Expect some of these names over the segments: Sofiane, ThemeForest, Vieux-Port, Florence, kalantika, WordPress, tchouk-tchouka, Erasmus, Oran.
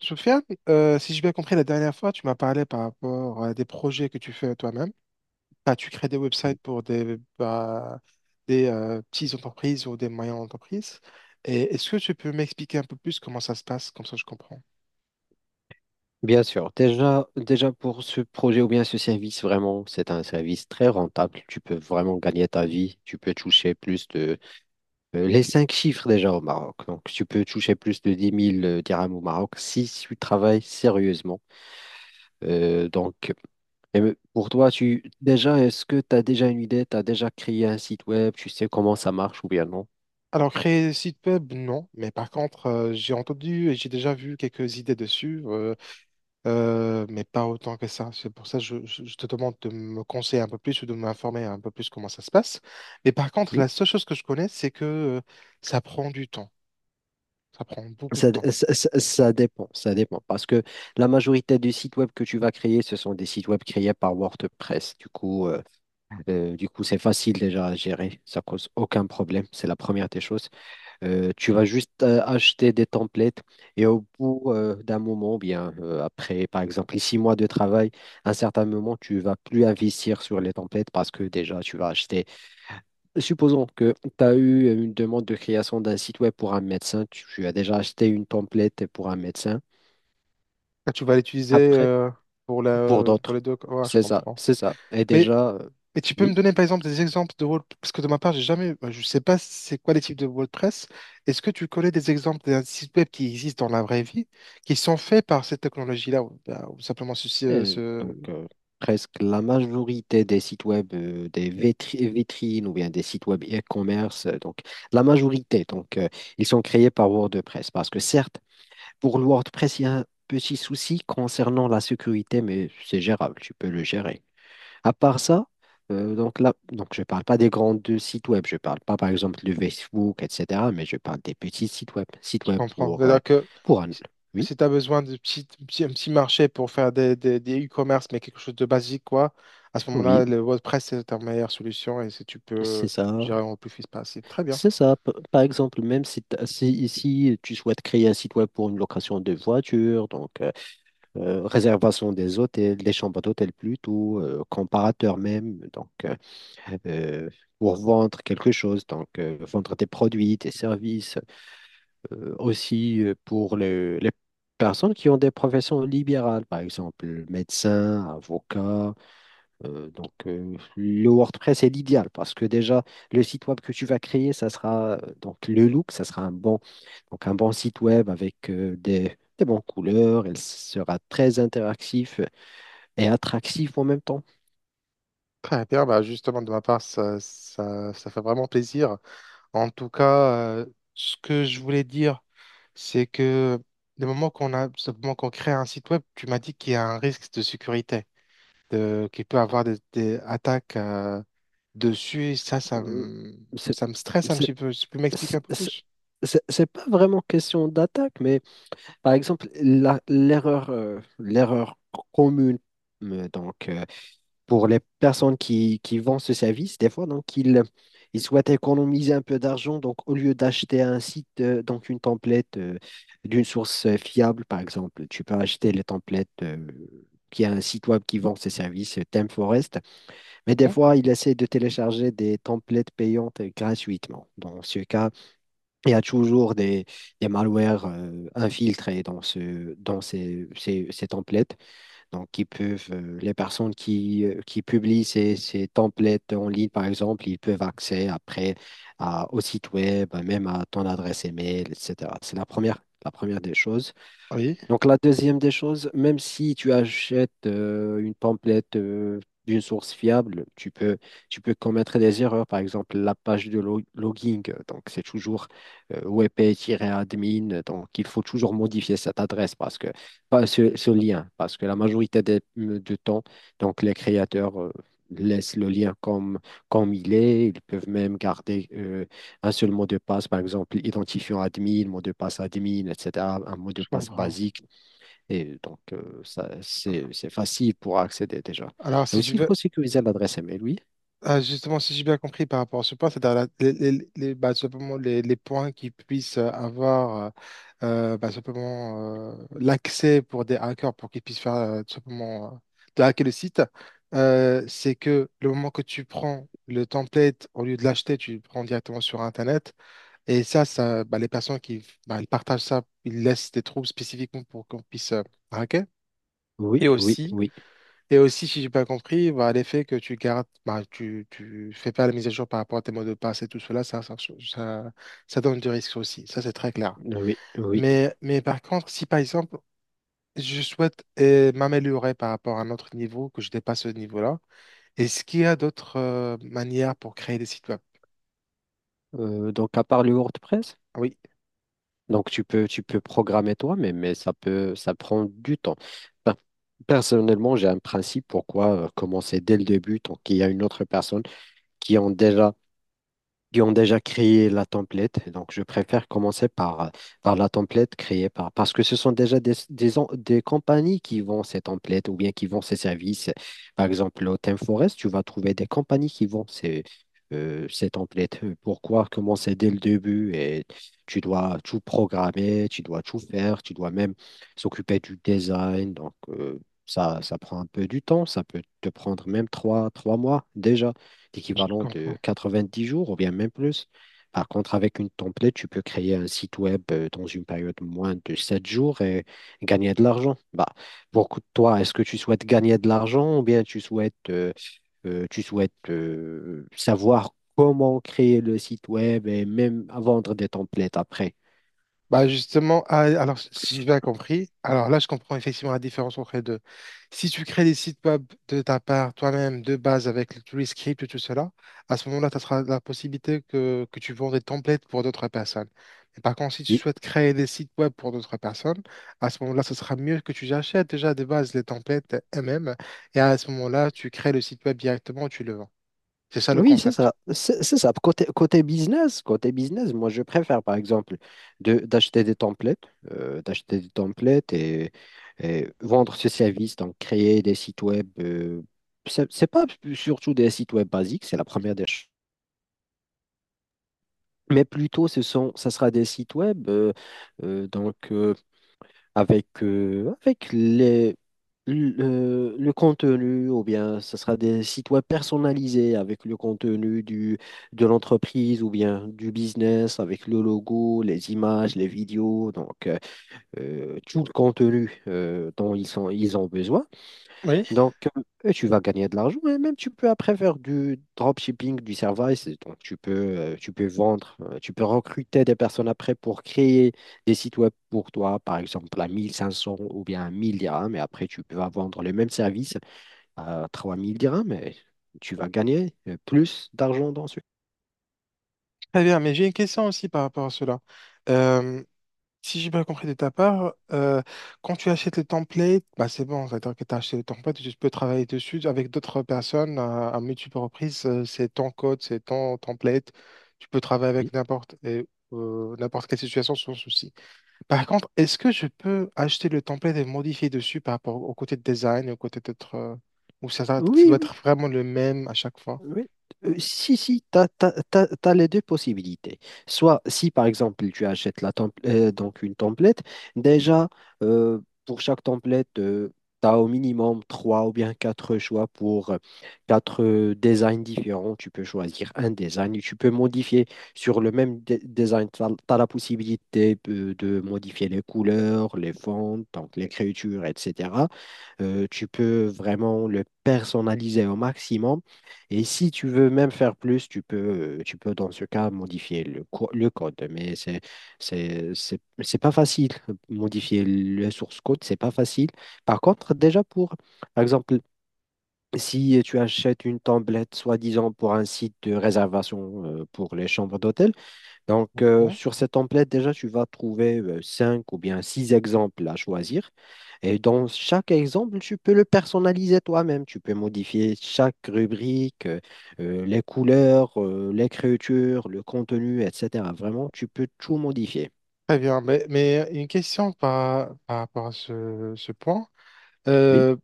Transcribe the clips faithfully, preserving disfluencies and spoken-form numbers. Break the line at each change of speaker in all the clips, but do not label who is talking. Sofiane, euh, si j'ai bien compris la dernière fois, tu m'as parlé par rapport à des projets que tu fais toi-même. Bah, tu crées des
Mhm.
websites pour des, bah, des euh, petites entreprises ou des moyennes entreprises. Et est-ce que tu peux m'expliquer un peu plus comment ça se passe, comme ça je comprends.
Bien sûr. Déjà, déjà pour ce projet ou bien ce service, vraiment, c'est un service très rentable. Tu peux vraiment gagner ta vie. Tu peux toucher plus de Euh, Les cinq chiffres déjà au Maroc. Donc, tu peux toucher plus de dix mille euh, dirhams au Maroc si tu travailles sérieusement. Euh, donc, et me- pour toi, tu déjà, est-ce que tu as déjà une idée? Tu as déjà créé un site web? Tu sais comment ça marche ou bien non?
Alors, créer des sites web, non. Mais par contre, euh, j'ai entendu et j'ai déjà vu quelques idées dessus. Euh, Euh, mais pas autant que ça. C'est pour ça que je, je- je te demande de me conseiller un peu plus ou de m'informer un peu plus comment ça se passe. Mais par contre,
Oui.
la seule chose que je connais, c'est que euh, ça prend du temps. Ça prend beaucoup de
Ça,
temps.
ça- ça- ça dépend, ça dépend. Parce que la majorité des sites web que tu vas créer, ce sont des sites web créés par WordPress. Du coup, euh, Euh, du coup, c'est facile déjà à gérer, ça cause aucun problème, c'est la première des choses. Euh, tu vas juste euh, acheter des templates et au bout euh, d'un moment, bien euh, après, par exemple, les six mois de travail, à un certain moment, tu vas plus investir sur les templates parce que déjà, tu vas acheter. Supposons que tu as eu une demande de création d'un site web pour un médecin, tu, tu as déjà acheté une template pour un médecin,
Ah, tu vas l'utiliser,
après,
euh, pour
pour
la, pour
d'autres.
les deux. Ouais, je
C'est ça,
comprends.
c'est ça. Et
Mais,
déjà, euh,
mais tu peux me
oui.
donner par exemple des exemples de wall... Parce que de ma part, j'ai jamais. Bah, je sais pas c'est quoi les types de WordPress. Est-ce que tu connais des exemples d'un site web qui existe dans la vraie vie, qui sont faits par cette technologie-là, ou, bah, ou simplement ceci, euh,
Et
ce...
donc, euh, presque la majorité des sites web, euh, des vitri- vitrines ou bien des sites web e-commerce, euh, donc la majorité, donc euh, ils sont créés par WordPress. Parce que certes, pour le WordPress, il y a un petit souci concernant la sécurité, mais c'est gérable, tu peux le gérer. À part ça, euh, donc là, donc je ne parle pas des grands deux sites web, je ne parle pas par exemple de Facebook, et cetera, mais je parle des petits sites web, sites
Je
web
comprends.
pour, euh,
C'est-à-dire que
pour un... Oui,
si tu as besoin de petit, petit, un petit marché pour faire des, des, des e-commerce, mais quelque chose de basique, quoi, à ce moment-là,
oui,
le WordPress, c'est ta meilleure solution et si tu
c'est
peux
ça.
gérer au plus vite possible. Très bien.
C'est ça. P- Par exemple, même si, t'as- si, ici tu souhaites créer un site web pour une location de voiture, donc euh, euh, réservation des hôtels, des chambres d'hôtel plutôt, euh, comparateur même, donc euh, euh, pour vendre quelque chose, donc euh, vendre tes produits, tes services, euh, aussi euh, pour le- les personnes qui ont des professions libérales, par exemple médecin, avocat. euh, donc, euh, le WordPress est l'idéal parce que déjà, le site web que tu vas créer, ça sera euh, donc le look, ça sera un bon, donc un bon site web avec euh, des, des bonnes couleurs. Il sera très interactif et attractif en même temps.
Très bien, bah justement de ma part, ça, ça, ça fait vraiment plaisir. En tout cas, euh, ce que je voulais dire, c'est que le moment qu'on a, ce moment qu'on crée un site web, tu m'as dit qu'il y a un risque de sécurité, de, qu'il peut avoir des, des attaques euh, dessus. Et ça, ça
Euh,
me,
c'est
ça me stresse un
c'est-
petit peu. Tu peux m'expliquer
c'est-
un peu
c'est-
plus?
c'est- c'est pas vraiment question d'attaque, mais par exemple, la- l'erreur euh, l'erreur commune, euh, donc, euh, pour les personnes qui, qui vendent ce service, des fois, donc, ils, ils souhaitent économiser un peu d'argent. Donc, au lieu d'acheter un site, euh, donc une template euh, d'une source euh, fiable, par exemple, tu peux acheter les templates euh, qui a un site web qui vend ces services, euh, ThemeForest. Mais des
Mhm.
fois, ils essaient de télécharger des templates payantes euh, gratuitement. Dans ce cas, il y a toujours des, des malwares euh, infiltrés dans, ce, dans ces, ces, ces templates. Donc, qui peuvent, euh, les personnes qui, euh, qui publient ces, ces templates en ligne, par exemple, ils peuvent accéder après à- au site web, même à ton adresse email, et cetera. C'est la première, la première des choses.
Oui,
Donc la deuxième des choses, même si tu achètes euh, une template euh, d'une source fiable, tu peux, tu peux commettre des erreurs. Par exemple, la page de lo- logging, euh, donc c'est toujours euh, wp-admin, donc il faut toujours modifier cette adresse parce que pas ce, ce lien, parce que la majorité des- du temps, donc les créateurs euh, laissent le lien comme, comme il est. Ils peuvent même garder euh, un seul mot de passe, par exemple, identifiant admin, mot de passe admin, et cetera, un mot de
je
passe
comprends.
basique. Et donc, euh, ça, c'est, c'est facile pour accéder déjà.
Alors,
Et
si tu
aussi, il
veux.
faut sécuriser l'adresse email, oui.
Ah, justement, si j'ai bien compris par rapport à ce point, c'est-à-dire la- les, les, les- bah, simplement les, les points qui puissent euh, avoir euh, euh, bah, simplement euh, l'accès pour des hackers pour qu'ils puissent faire euh, tout simplement euh, de hacker le site, euh, c'est que le moment que tu prends le template, au lieu de l'acheter, tu le prends directement sur Internet. Et ça, ça bah, les personnes qui bah, ils partagent ça, ils laissent des trous spécifiquement pour qu'on puisse euh, hacker.
Oui,
Et
oui,
aussi,
oui,
et aussi, si j'ai pas compris, bah, l'effet que tu gardes, bah, tu, tu fais pas la mise à jour par rapport à tes mots de passe et tout cela, ça, ça, ça, ça donne du risque aussi. Ça, c'est très clair.
oui, oui.
Mais, mais par contre, si par exemple, je souhaite euh, m'améliorer par rapport à un autre niveau, que je dépasse ce niveau-là, est-ce qu'il y a d'autres euh, manières pour créer des sites web?
Euh, donc, à part le WordPress,
Ah oui,
donc tu peux, tu peux programmer toi, mais, mais ça peut, ça prend du temps. Ben, personnellement, j'ai un principe pourquoi euh, commencer dès le début, tant qu'il y a une autre personne qui ont déjà qui ont déjà créé la template. Donc, je préfère commencer par, euh, par la template créée par, parce que ce sont déjà des, des, en- des compagnies qui vendent ces templates ou bien qui vendent ces services. Par exemple, au ThemeForest, tu vas trouver des compagnies qui vendent ces, euh, ces templates. Pourquoi commencer dès le début et tu dois tout programmer, tu dois tout faire, tu dois même s'occuper du design. Donc, euh, ça, ça prend un peu du temps, ça peut te prendre même trois, trois mois déjà
je
l'équivalent
comprends.
de quatre-vingt-dix jours ou bien même plus. Par contre, avec une template, tu peux créer un site web euh, dans une période moins de sept jours et gagner de l'argent. Bah, pour co- toi, est-ce que tu souhaites gagner de l'argent ou bien tu souhaites, euh, euh, tu souhaites euh, savoir comment créer le site web et même vendre des templates après?
Bah justement, ah, alors si si j'ai bien compris, alors là je comprends effectivement la différence entre les deux. Si tu crées des sites web de ta part toi-même de base avec tous les scripts et tout cela, à ce moment-là, tu auras la possibilité que, que tu vends des templates pour d'autres personnes. Et par contre, si tu souhaites créer des sites web pour d'autres personnes, à ce moment-là, ce sera mieux que tu achètes déjà de base les templates eux-mêmes et à ce moment-là, tu crées le site web directement, tu le vends. C'est ça le
Oui, c'est
concept.
ça. C'est c'est ça. Côté, côté business, côté business, moi, je préfère, par exemple, de, d'acheter des templates, euh, d'acheter des templates et, et vendre ce service, donc créer des sites web. Euh, c'est c'est pas surtout des sites web basiques, c'est la première des choses. Mais plutôt, ce sont, ça sera des sites web, euh, euh, donc euh, avec, euh, avec les, le, le contenu, ou bien ce sera des sites web personnalisés avec le contenu du, de l'entreprise ou bien du business, avec le logo, les images, les vidéos, donc euh, euh, tout le contenu euh, dont ils sont, ils ont besoin.
Oui,
Donc, euh, et tu vas gagner de l'argent et même tu peux après faire du dropshipping, du service. Et donc, tu peux, euh, tu peux vendre, euh, tu peux recruter des personnes après pour créer des sites web pour toi, par exemple à mille cinq cents ou bien à mille dirhams. Et après, tu peux vendre le même service à trois mille dirhams et tu vas gagner euh, plus d'argent dans ce.
très bien, mais j'ai une question aussi par rapport à cela. Euh, Si j'ai bien compris de ta part, euh, quand tu achètes le template, bah c'est bon, c'est-à-dire que tu as acheté le template, tu peux travailler dessus avec d'autres personnes à, à multiples reprises. euh, C'est ton code, c'est ton template. Tu peux travailler avec
Oui,
n'importe et, euh, n'importe quelle situation sans souci. Par contre, est-ce que je peux acheter le template et le modifier dessus par rapport au côté de design, et au côté d'être... euh, ou ça, ça ça
oui,
doit
oui,
être vraiment le même à chaque fois?
oui, euh, si, si, tu as les deux possibilités. Soit, si par exemple, tu achètes la temp- euh, donc une template, déjà, euh, pour chaque template, tu as au minimum trois ou bien quatre choix pour euh, quatre euh, designs différents. Tu peux choisir un design et tu peux modifier sur le même de- design. Tu as la possibilité euh, de modifier les couleurs, les fonds, donc l'écriture, et cetera. Euh, tu peux vraiment le personnaliser au maximum. Et si tu veux même faire plus, tu peux, euh, tu peux dans ce cas modifier le, co- le code. Mais c'est, c'est, c'est, c'est pas facile. Modifier le source code, c'est pas facile. Par contre, déjà pour, par exemple, si tu achètes une template soi-disant pour un site de réservation euh, pour les chambres d'hôtel, donc, euh,
Mhm.
sur cette template, déjà, tu vas trouver euh, cinq ou bien six exemples à choisir. Et dans chaque exemple, tu peux le personnaliser toi-même. Tu peux modifier chaque rubrique, euh, euh, les couleurs, euh, l'écriture, le contenu, et cetera. Vraiment, tu peux tout modifier.
Très bien, mais, mais une question par, par rapport à ce, ce point.
Oui.
Euh,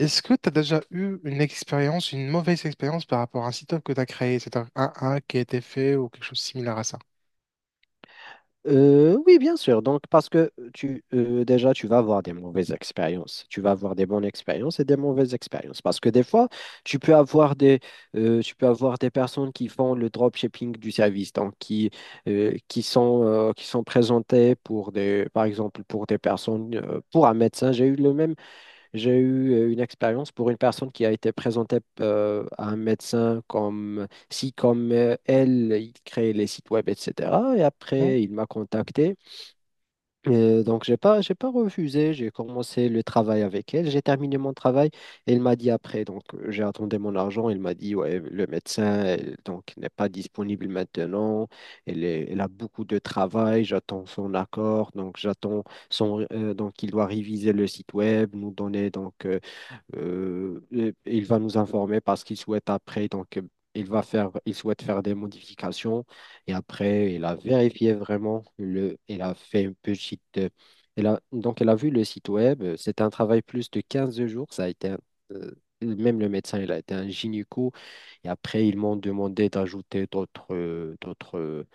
Est-ce que tu as déjà eu une expérience, une mauvaise expérience par rapport à un site web que tu as créé? C'est un, un hack qui a été fait ou quelque chose de similaire à ça?
Euh, oui, bien sûr. Donc, parce que tu, euh, déjà, tu vas avoir des mauvaises expériences. Tu vas avoir des bonnes expériences et des mauvaises expériences. Parce que des fois, tu peux avoir des, euh, tu peux avoir des personnes qui font le dropshipping du service, donc qui, euh, qui sont, euh, qui sont présentées pour des, par exemple, pour des personnes, euh, pour un médecin. J'ai eu le même j'ai eu euh, une expérience pour une personne qui a été présentée euh, à un médecin comme si, comme euh, elle, il crée les sites web, et cetera. Et
Hein?
après, il m'a contacté. Euh, donc, j'ai pas, j'ai pas refusé. J'ai commencé le travail avec elle. J'ai terminé mon travail. Et il m'a dit après, donc, euh, j'ai attendu mon argent. Il m'a dit, ouais, le médecin, euh, donc, n'est pas disponible maintenant. Elle est- elle a beaucoup de travail. J'attends son accord. Donc, j'attends son, euh, donc, il doit réviser le site web, nous donner, donc, euh, euh, et- et il va nous informer parce qu'il souhaite après, donc euh, il va faire, il souhaite faire des modifications et après il a vérifié vraiment le, il a fait une petite, euh, il a, donc il a vu le site web. euh, C'était un travail plus de quinze jours. Ça a été, un- euh, Même le médecin, il a été un gynéco et après ils m'ont demandé d'ajouter d'autres, euh, d'autres,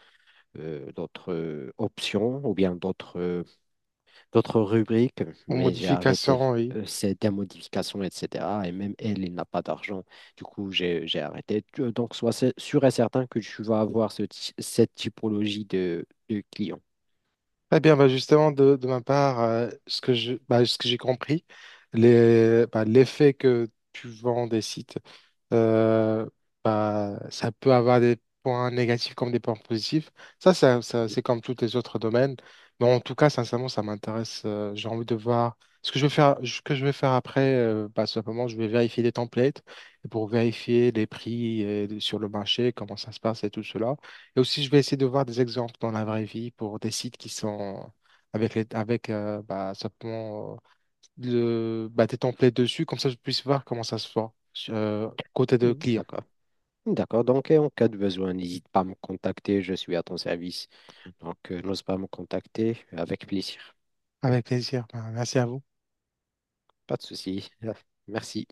euh, d'autres euh, options ou bien d'autres d'autres rubriques,
Ou
mais j'ai arrêté.
modification, oui.
Euh, C'est des modifications, et cetera. Et même elle, il n'a pas d'argent. Du coup, j'ai j'ai arrêté. Tu- euh, Donc, sois sé- sûr et certain que tu vas avoir ce ty- cette typologie de, de clients.
Très bien, bah justement, de, de ma part, euh, ce que je, bah, ce que j'ai compris, les, bah, l'effet que tu vends des sites, euh, bah, ça peut avoir des points négatifs comme des points positifs. Ça, ça- ça- c'est comme tous les autres domaines. Mais en tout cas, sincèrement, ça m'intéresse. Euh, j'ai envie de voir ce que je vais faire, ce que je vais faire après. Euh, bah, simplement, je vais vérifier les templates pour vérifier les prix euh, sur le marché, comment ça se passe et tout cela. Et aussi, je vais essayer de voir des exemples dans la vraie vie pour des sites qui sont avec les, avec, euh, bah, simplement le, bah, tes templates dessus, comme ça je puisse voir comment ça se fait, euh, côté de
Mhm.
client.
D'accord. D'accord, donc et en cas de besoin, n'hésite pas à me contacter, je suis à ton service. Donc, euh, n'ose pas me contacter, avec plaisir.
Avec plaisir. Bah, merci à vous.
Pas de souci. Merci.